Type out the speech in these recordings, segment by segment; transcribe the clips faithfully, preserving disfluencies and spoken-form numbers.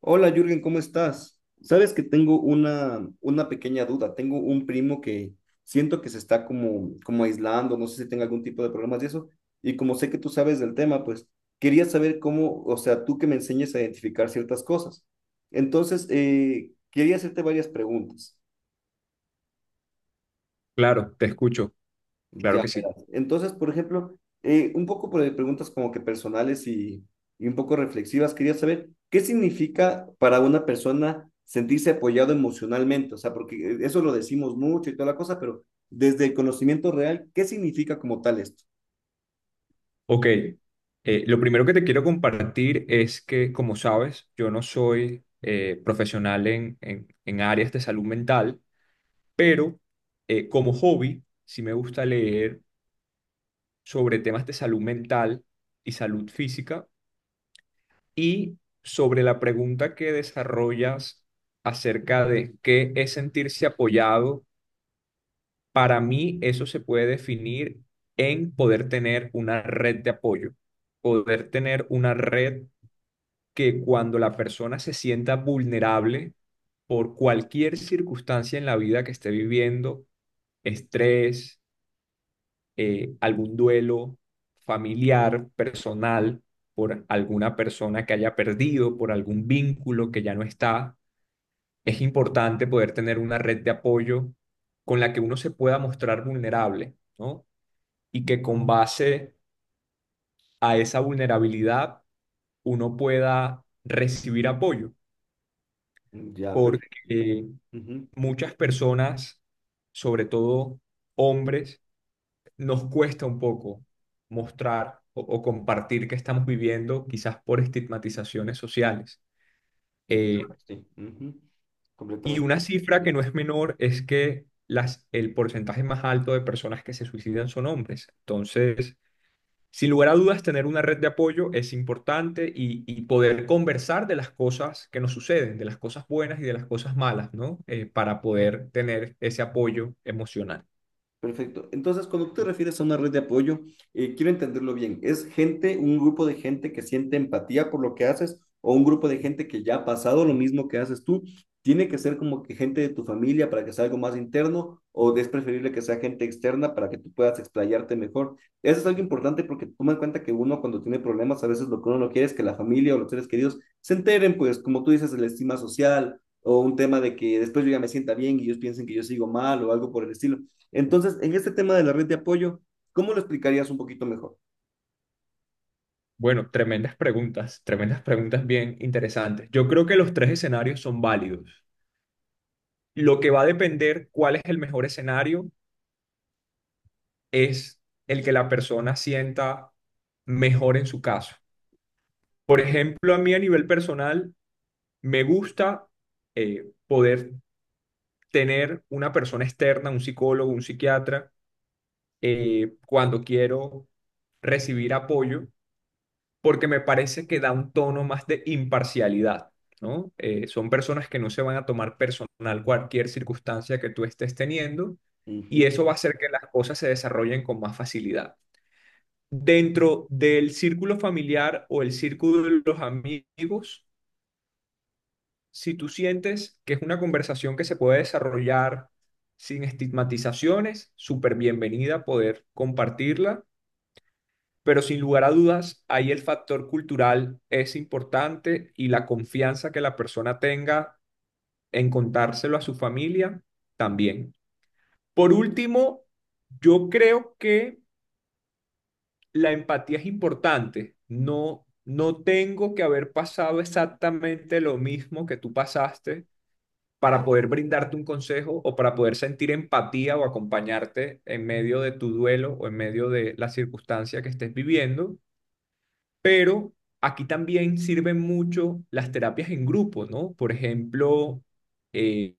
Hola Jürgen, ¿cómo estás? Sabes que tengo una, una pequeña duda. Tengo un primo que siento que se está como, como aislando, no sé si tenga algún tipo de problemas de eso. Y como sé que tú sabes del tema, pues quería saber cómo, o sea, tú que me enseñes a identificar ciertas cosas. Entonces, eh, quería hacerte varias preguntas. Claro, te escucho, claro Ya que sí. verás. Entonces, por ejemplo, eh, un poco por- de preguntas como que personales y, y un poco reflexivas, quería saber qué significa para una persona sentirse apoyado emocionalmente, o sea, porque eh, eso lo decimos mucho y toda la cosa, pero desde el conocimiento real, ¿qué significa como tal esto? Ok, eh, lo primero que te quiero compartir es que, como sabes, yo no soy eh, profesional en, en- en áreas de salud mental, pero eh, como hobby sí me gusta leer sobre temas de salud mental y salud física y sobre la pregunta que desarrollas acerca de qué es sentirse apoyado. Para mí eso se puede definir en poder tener una red de apoyo, poder tener una red que cuando la persona se sienta vulnerable por cualquier circunstancia en la vida que esté viviendo, estrés, eh, algún duelo familiar, personal, por alguna persona que haya perdido, por algún vínculo que ya no está, es importante poder tener una red de apoyo con la que uno se pueda mostrar vulnerable, ¿no? Y que con base a esa vulnerabilidad uno pueda recibir apoyo, Ya, perfecto. porque Ujú. muchas personas, sobre todo hombres, nos cuesta un poco mostrar o, o compartir que estamos viviendo, quizás por estigmatizaciones sociales. Sí, claro, Eh, sí. Ujú. y Completamente. una cifra que no es menor es que las, el porcentaje más alto de personas que se suicidan son hombres. Entonces, sin lugar a dudas, tener una red de apoyo es importante y, y poder conversar de las cosas que nos suceden, de las cosas buenas y de las cosas malas, ¿no? Eh, para poder tener ese apoyo emocional. Perfecto. Entonces, cuando tú te refieres a una red de apoyo, eh, quiero entenderlo bien. ¿Es gente, un grupo de gente que siente empatía por lo que haces o un grupo de gente que ya ha pasado lo mismo que haces tú? ¿Tiene que ser como que gente de tu familia para que sea algo más interno o es preferible que sea gente externa para que tú puedas explayarte mejor? Eso es algo importante porque toma en cuenta que uno cuando tiene problemas, a veces lo que uno no quiere es que la familia o los seres queridos se enteren, pues como tú dices, de la estima social o un tema de que después yo ya me sienta bien y ellos piensen que yo sigo mal o algo por el estilo. Entonces, en este tema de la red de apoyo, ¿cómo lo explicarías un poquito mejor? Bueno, tremendas preguntas, tremendas preguntas bien interesantes. Yo creo que los tres escenarios son válidos. Lo que va a depender cuál es el mejor escenario es el que la persona sienta mejor en su caso. Por ejemplo, a mí a nivel personal me gusta eh, poder tener una persona externa, un psicólogo, un psiquiatra, eh, cuando quiero recibir apoyo, porque me parece que da un tono más de imparcialidad, ¿no? Eh, son personas que no se van a tomar personal cualquier circunstancia que tú estés teniendo y Ujú, eso va a hacer que las cosas se desarrollen con más facilidad. Dentro del círculo familiar o el círculo de los amigos, si tú sientes que es una conversación que se puede desarrollar sin estigmatizaciones, súper bienvenida poder compartirla, pero sin lugar a dudas, ahí el factor cultural es importante y la confianza que la persona tenga en contárselo a su familia también. Por último, yo creo que la empatía es importante. No, no tengo que haber pasado exactamente lo mismo que tú pasaste para poder brindarte un consejo o para poder sentir empatía o acompañarte en medio de tu duelo o en medio de la circunstancia que estés viviendo. Pero aquí también sirven mucho las terapias en grupo, ¿no? Por ejemplo, eh,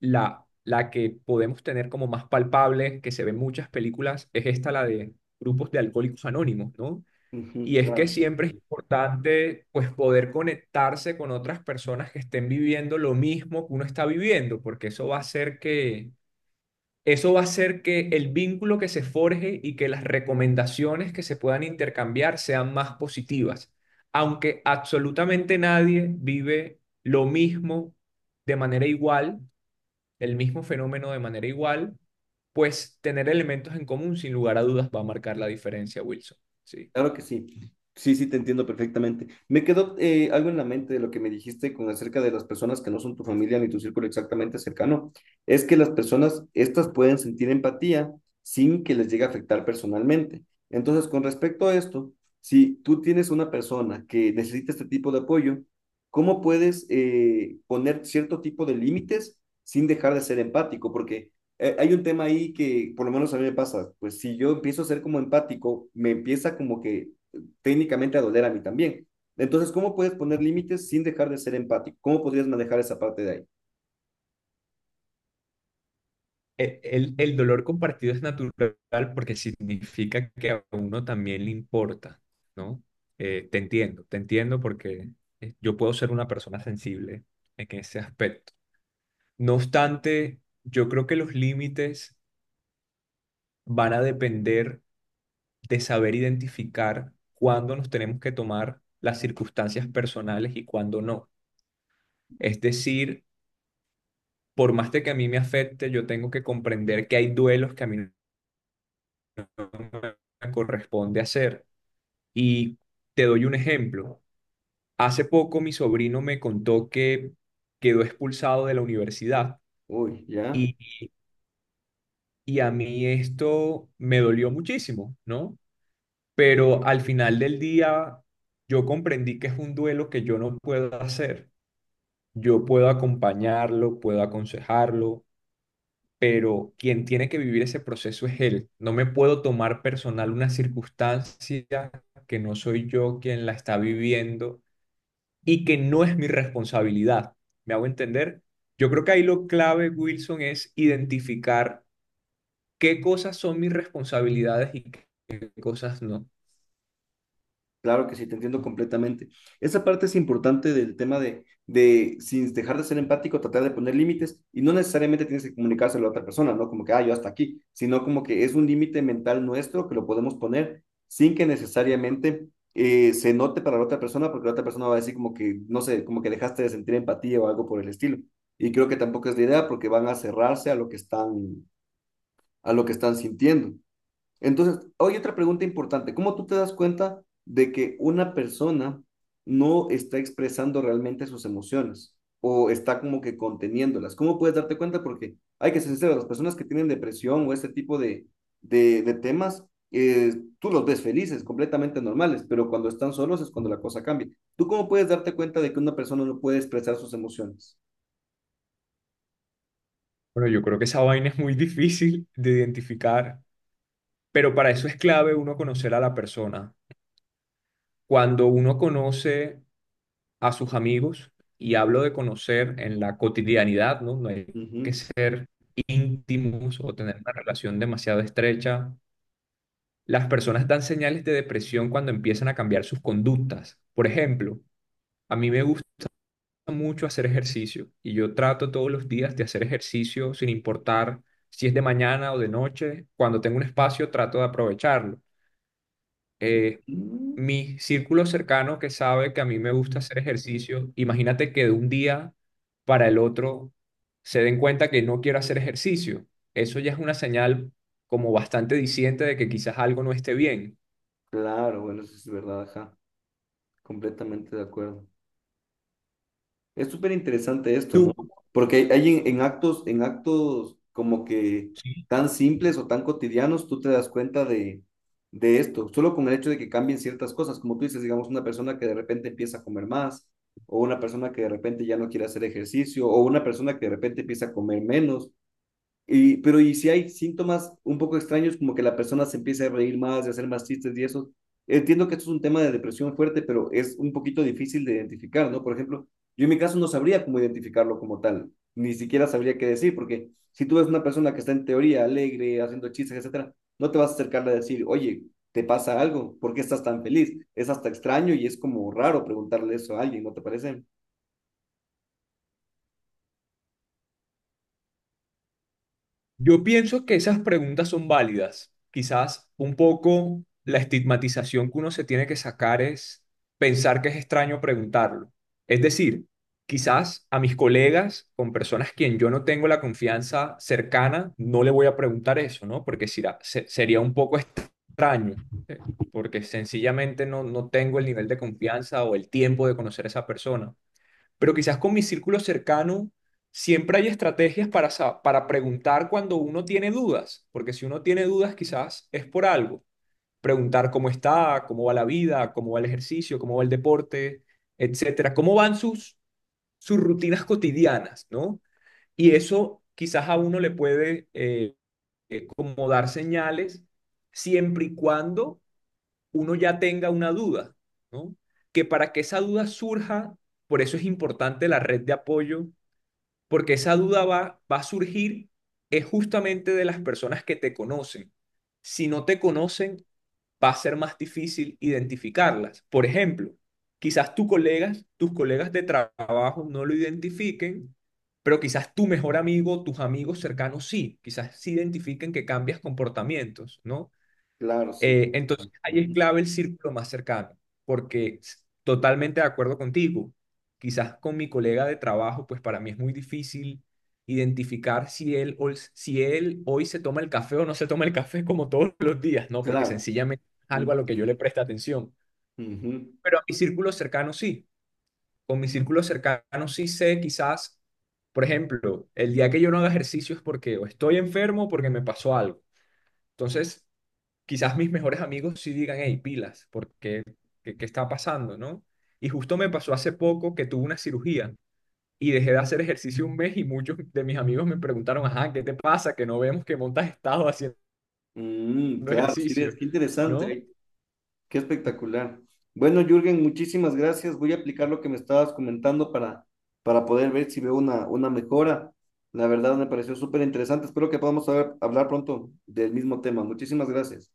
la, la que podemos tener como más palpable, que se ve en muchas películas, es esta, la de grupos de alcohólicos anónimos, ¿no? ujú, Y es que claro. siempre es importante pues poder conectarse con otras personas que estén viviendo lo mismo que uno está viviendo, porque eso va a hacer que eso va a hacer que el vínculo que se forje y que las recomendaciones que se puedan intercambiar sean más positivas, aunque absolutamente nadie vive lo mismo de manera igual, el mismo fenómeno de manera igual, pues tener elementos en común sin lugar a dudas va a marcar la diferencia, Wilson. Sí. Claro que sí. Sí, sí, te entiendo perfectamente. Me quedó eh, algo en la mente de lo que me dijiste con acerca de las personas que no son tu familia ni tu círculo exactamente cercano. Es que las personas, estas pueden sentir empatía sin que les llegue a afectar personalmente. Entonces, con respecto a esto, si tú tienes una persona que necesita este tipo de apoyo, ¿cómo puedes eh, poner cierto tipo de límites sin dejar de ser empático? Porque eh, hay un tema ahí que por lo menos a mí me pasa, pues si yo empiezo a ser como empático, me empieza como que eh, técnicamente a doler a mí también. Entonces, ¿cómo puedes poner límites sin dejar de ser empático? ¿Cómo podrías manejar esa parte de ahí? e- El, el dolor compartido es natural porque significa que a uno también le importa, ¿no? Eh, te entiendo, te entiendo porque eh, yo puedo ser una persona sensible en ese aspecto. No obstante, yo creo que los límites van a depender de saber identificar cuándo nos tenemos que tomar las circunstancias personales y cuándo no. Es decir, por más de que a mí me afecte, yo tengo que comprender que hay duelos que a mí no me corresponde hacer. Y te doy un ejemplo. Hace poco mi sobrino me contó que quedó expulsado de la universidad Uy, ya. y, y a mí esto me dolió muchísimo, ¿no? Pero al final del día yo comprendí que es un duelo que yo no puedo hacer. Yo puedo acompañarlo, puedo aconsejarlo, pero quien tiene que vivir ese proceso es él. No me puedo tomar personal una circunstancia que no soy yo quien la está viviendo y que no es mi responsabilidad. ¿Me hago entender? Yo creo que ahí lo clave, Wilson, es identificar qué cosas son mis responsabilidades y qué cosas no. Claro que sí, te entiendo completamente. Esa parte es importante del tema de, de, sin dejar de ser empático, tratar de poner límites y no necesariamente tienes que comunicárselo a la otra persona, ¿no? Como que, ah, yo hasta aquí, sino como que es un límite mental nuestro que lo podemos poner sin que necesariamente eh, se note para la otra persona, porque la otra persona va a decir como que, no sé, como que dejaste de sentir empatía o algo por el estilo. Y creo que tampoco es la idea porque van a cerrarse a lo que están, a lo que están sintiendo. Entonces, hay otra pregunta importante. ¿Cómo tú te das cuenta de que una persona no está expresando realmente sus emociones o está como que conteniéndolas? ¿Cómo puedes darte cuenta? Porque hay que ser sincero, las personas que tienen depresión o este tipo de, de, de temas, eh, tú los ves felices, completamente normales, pero cuando están solos es cuando la cosa cambia. ¿Tú cómo puedes darte cuenta de que una persona no puede expresar sus emociones? Bueno, yo creo que esa vaina es muy difícil de identificar, pero para eso es clave uno conocer a la persona. Cuando uno conoce a sus amigos, y hablo de conocer en la cotidianidad, ¿no? No hay que Ujú. ser íntimos o tener una relación demasiado estrecha. Las personas dan señales de depresión cuando empiezan a cambiar sus conductas. Por ejemplo, a mí me gusta mucho hacer ejercicio y yo trato todos los días de hacer ejercicio sin importar si es de mañana o de noche. Cuando tengo un espacio, trato de aprovecharlo. Eh, Mm, Mi círculo cercano que sabe que a mí me gusta hacer ejercicio, imagínate que de un día para el otro se den cuenta que no quiero hacer ejercicio. Eso ya es una señal como bastante diciente de que quizás algo no esté bien. claro, bueno, eso es verdad, ajá, completamente de acuerdo. Es súper interesante esto, ¿no? ¿Tú Porque hay, hay en, en actos, en actos como que tan simples o tan cotidianos, tú te das cuenta de, de esto, solo con el hecho de que cambien ciertas cosas, como tú dices, digamos, una persona que de repente empieza a comer más, o una persona que de repente ya no quiere hacer ejercicio, o una persona que de repente empieza a comer menos, y, pero y si hay síntomas un poco extraños, como que la persona se empieza a reír más, de hacer más chistes y eso, entiendo que esto es un tema de depresión fuerte, pero es un poquito difícil de identificar, ¿no? Por ejemplo, yo en mi caso no sabría cómo identificarlo como tal, ni siquiera sabría qué decir, porque si tú ves una persona que está en teoría alegre, haciendo chistes, etcétera, no te vas a acercarle a decir, oye, ¿te pasa algo? ¿Por qué estás tan feliz? Es hasta extraño y es como raro preguntarle eso a alguien, ¿no te parece? Yo pienso que esas preguntas son válidas. Quizás un poco la estigmatización que uno se tiene que sacar es pensar que es extraño preguntarlo. Es decir, quizás a mis colegas, con personas quien yo no tengo la confianza cercana, no le voy a preguntar eso, ¿no? Porque será- se- sería un poco extraño, eh, porque sencillamente no, no tengo el nivel de confianza o el tiempo de conocer a esa persona, pero quizás con mi círculo cercano siempre hay estrategias para, sa- para preguntar cuando uno tiene dudas, porque si uno tiene dudas quizás es por algo. Preguntar cómo está, cómo va la vida, cómo va el ejercicio, cómo va el deporte, etcétera, cómo van sus, sus rutinas cotidianas, ¿no? Y eso quizás a uno le puede eh, eh, como dar señales siempre y cuando uno ya tenga una duda, ¿no? Que para que esa duda surja, por eso es importante la red de apoyo porque esa duda va, va a surgir es justamente de las personas que te conocen. Si no te conocen, va a ser más difícil identificarlas. Por ejemplo, quizás tus colegas, tus colegas de trabajo no lo identifiquen, pero quizás tu mejor amigo, tus amigos cercanos sí, quizás sí identifiquen que cambias comportamientos, ¿no? Claro, sí. Eh, entonces, ahí es Ujú. clave el círculo más cercano, porque s- totalmente de acuerdo contigo, quizás con mi colega de trabajo, pues para mí es muy difícil identificar si él, o- si él hoy se toma el café o no se toma el café como todos los días, ¿no? Porque Claro. sencillamente es algo a lo Ujú. que yo le presta atención. Ujú. Pero a mi círculo cercano sí, con mi círculo cercano sí sé quizás, por ejemplo, el día que yo no haga ejercicio es porque o estoy enfermo o porque me pasó algo. Entonces quizás mis mejores amigos sí digan, hey, pilas, porque ¿qué, qué está pasando, no? Y justo me pasó hace poco que tuve una cirugía y dejé de hacer ejercicio un mes y muchos de mis amigos me preguntaron, ajá, ¿qué te pasa? Que no vemos que montas estado haciendo Mm, claro, sí ves, ejercicio, qué interesante, ¿no? ¿eh? Qué espectacular. Bueno, Jürgen, muchísimas gracias. Voy a aplicar lo que me estabas comentando para, para poder ver si veo una, una mejora. La verdad me pareció súper interesante. Espero que podamos hablar hablar pronto del mismo tema. Muchísimas gracias.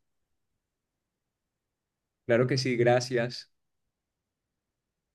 Claro que sí, gracias.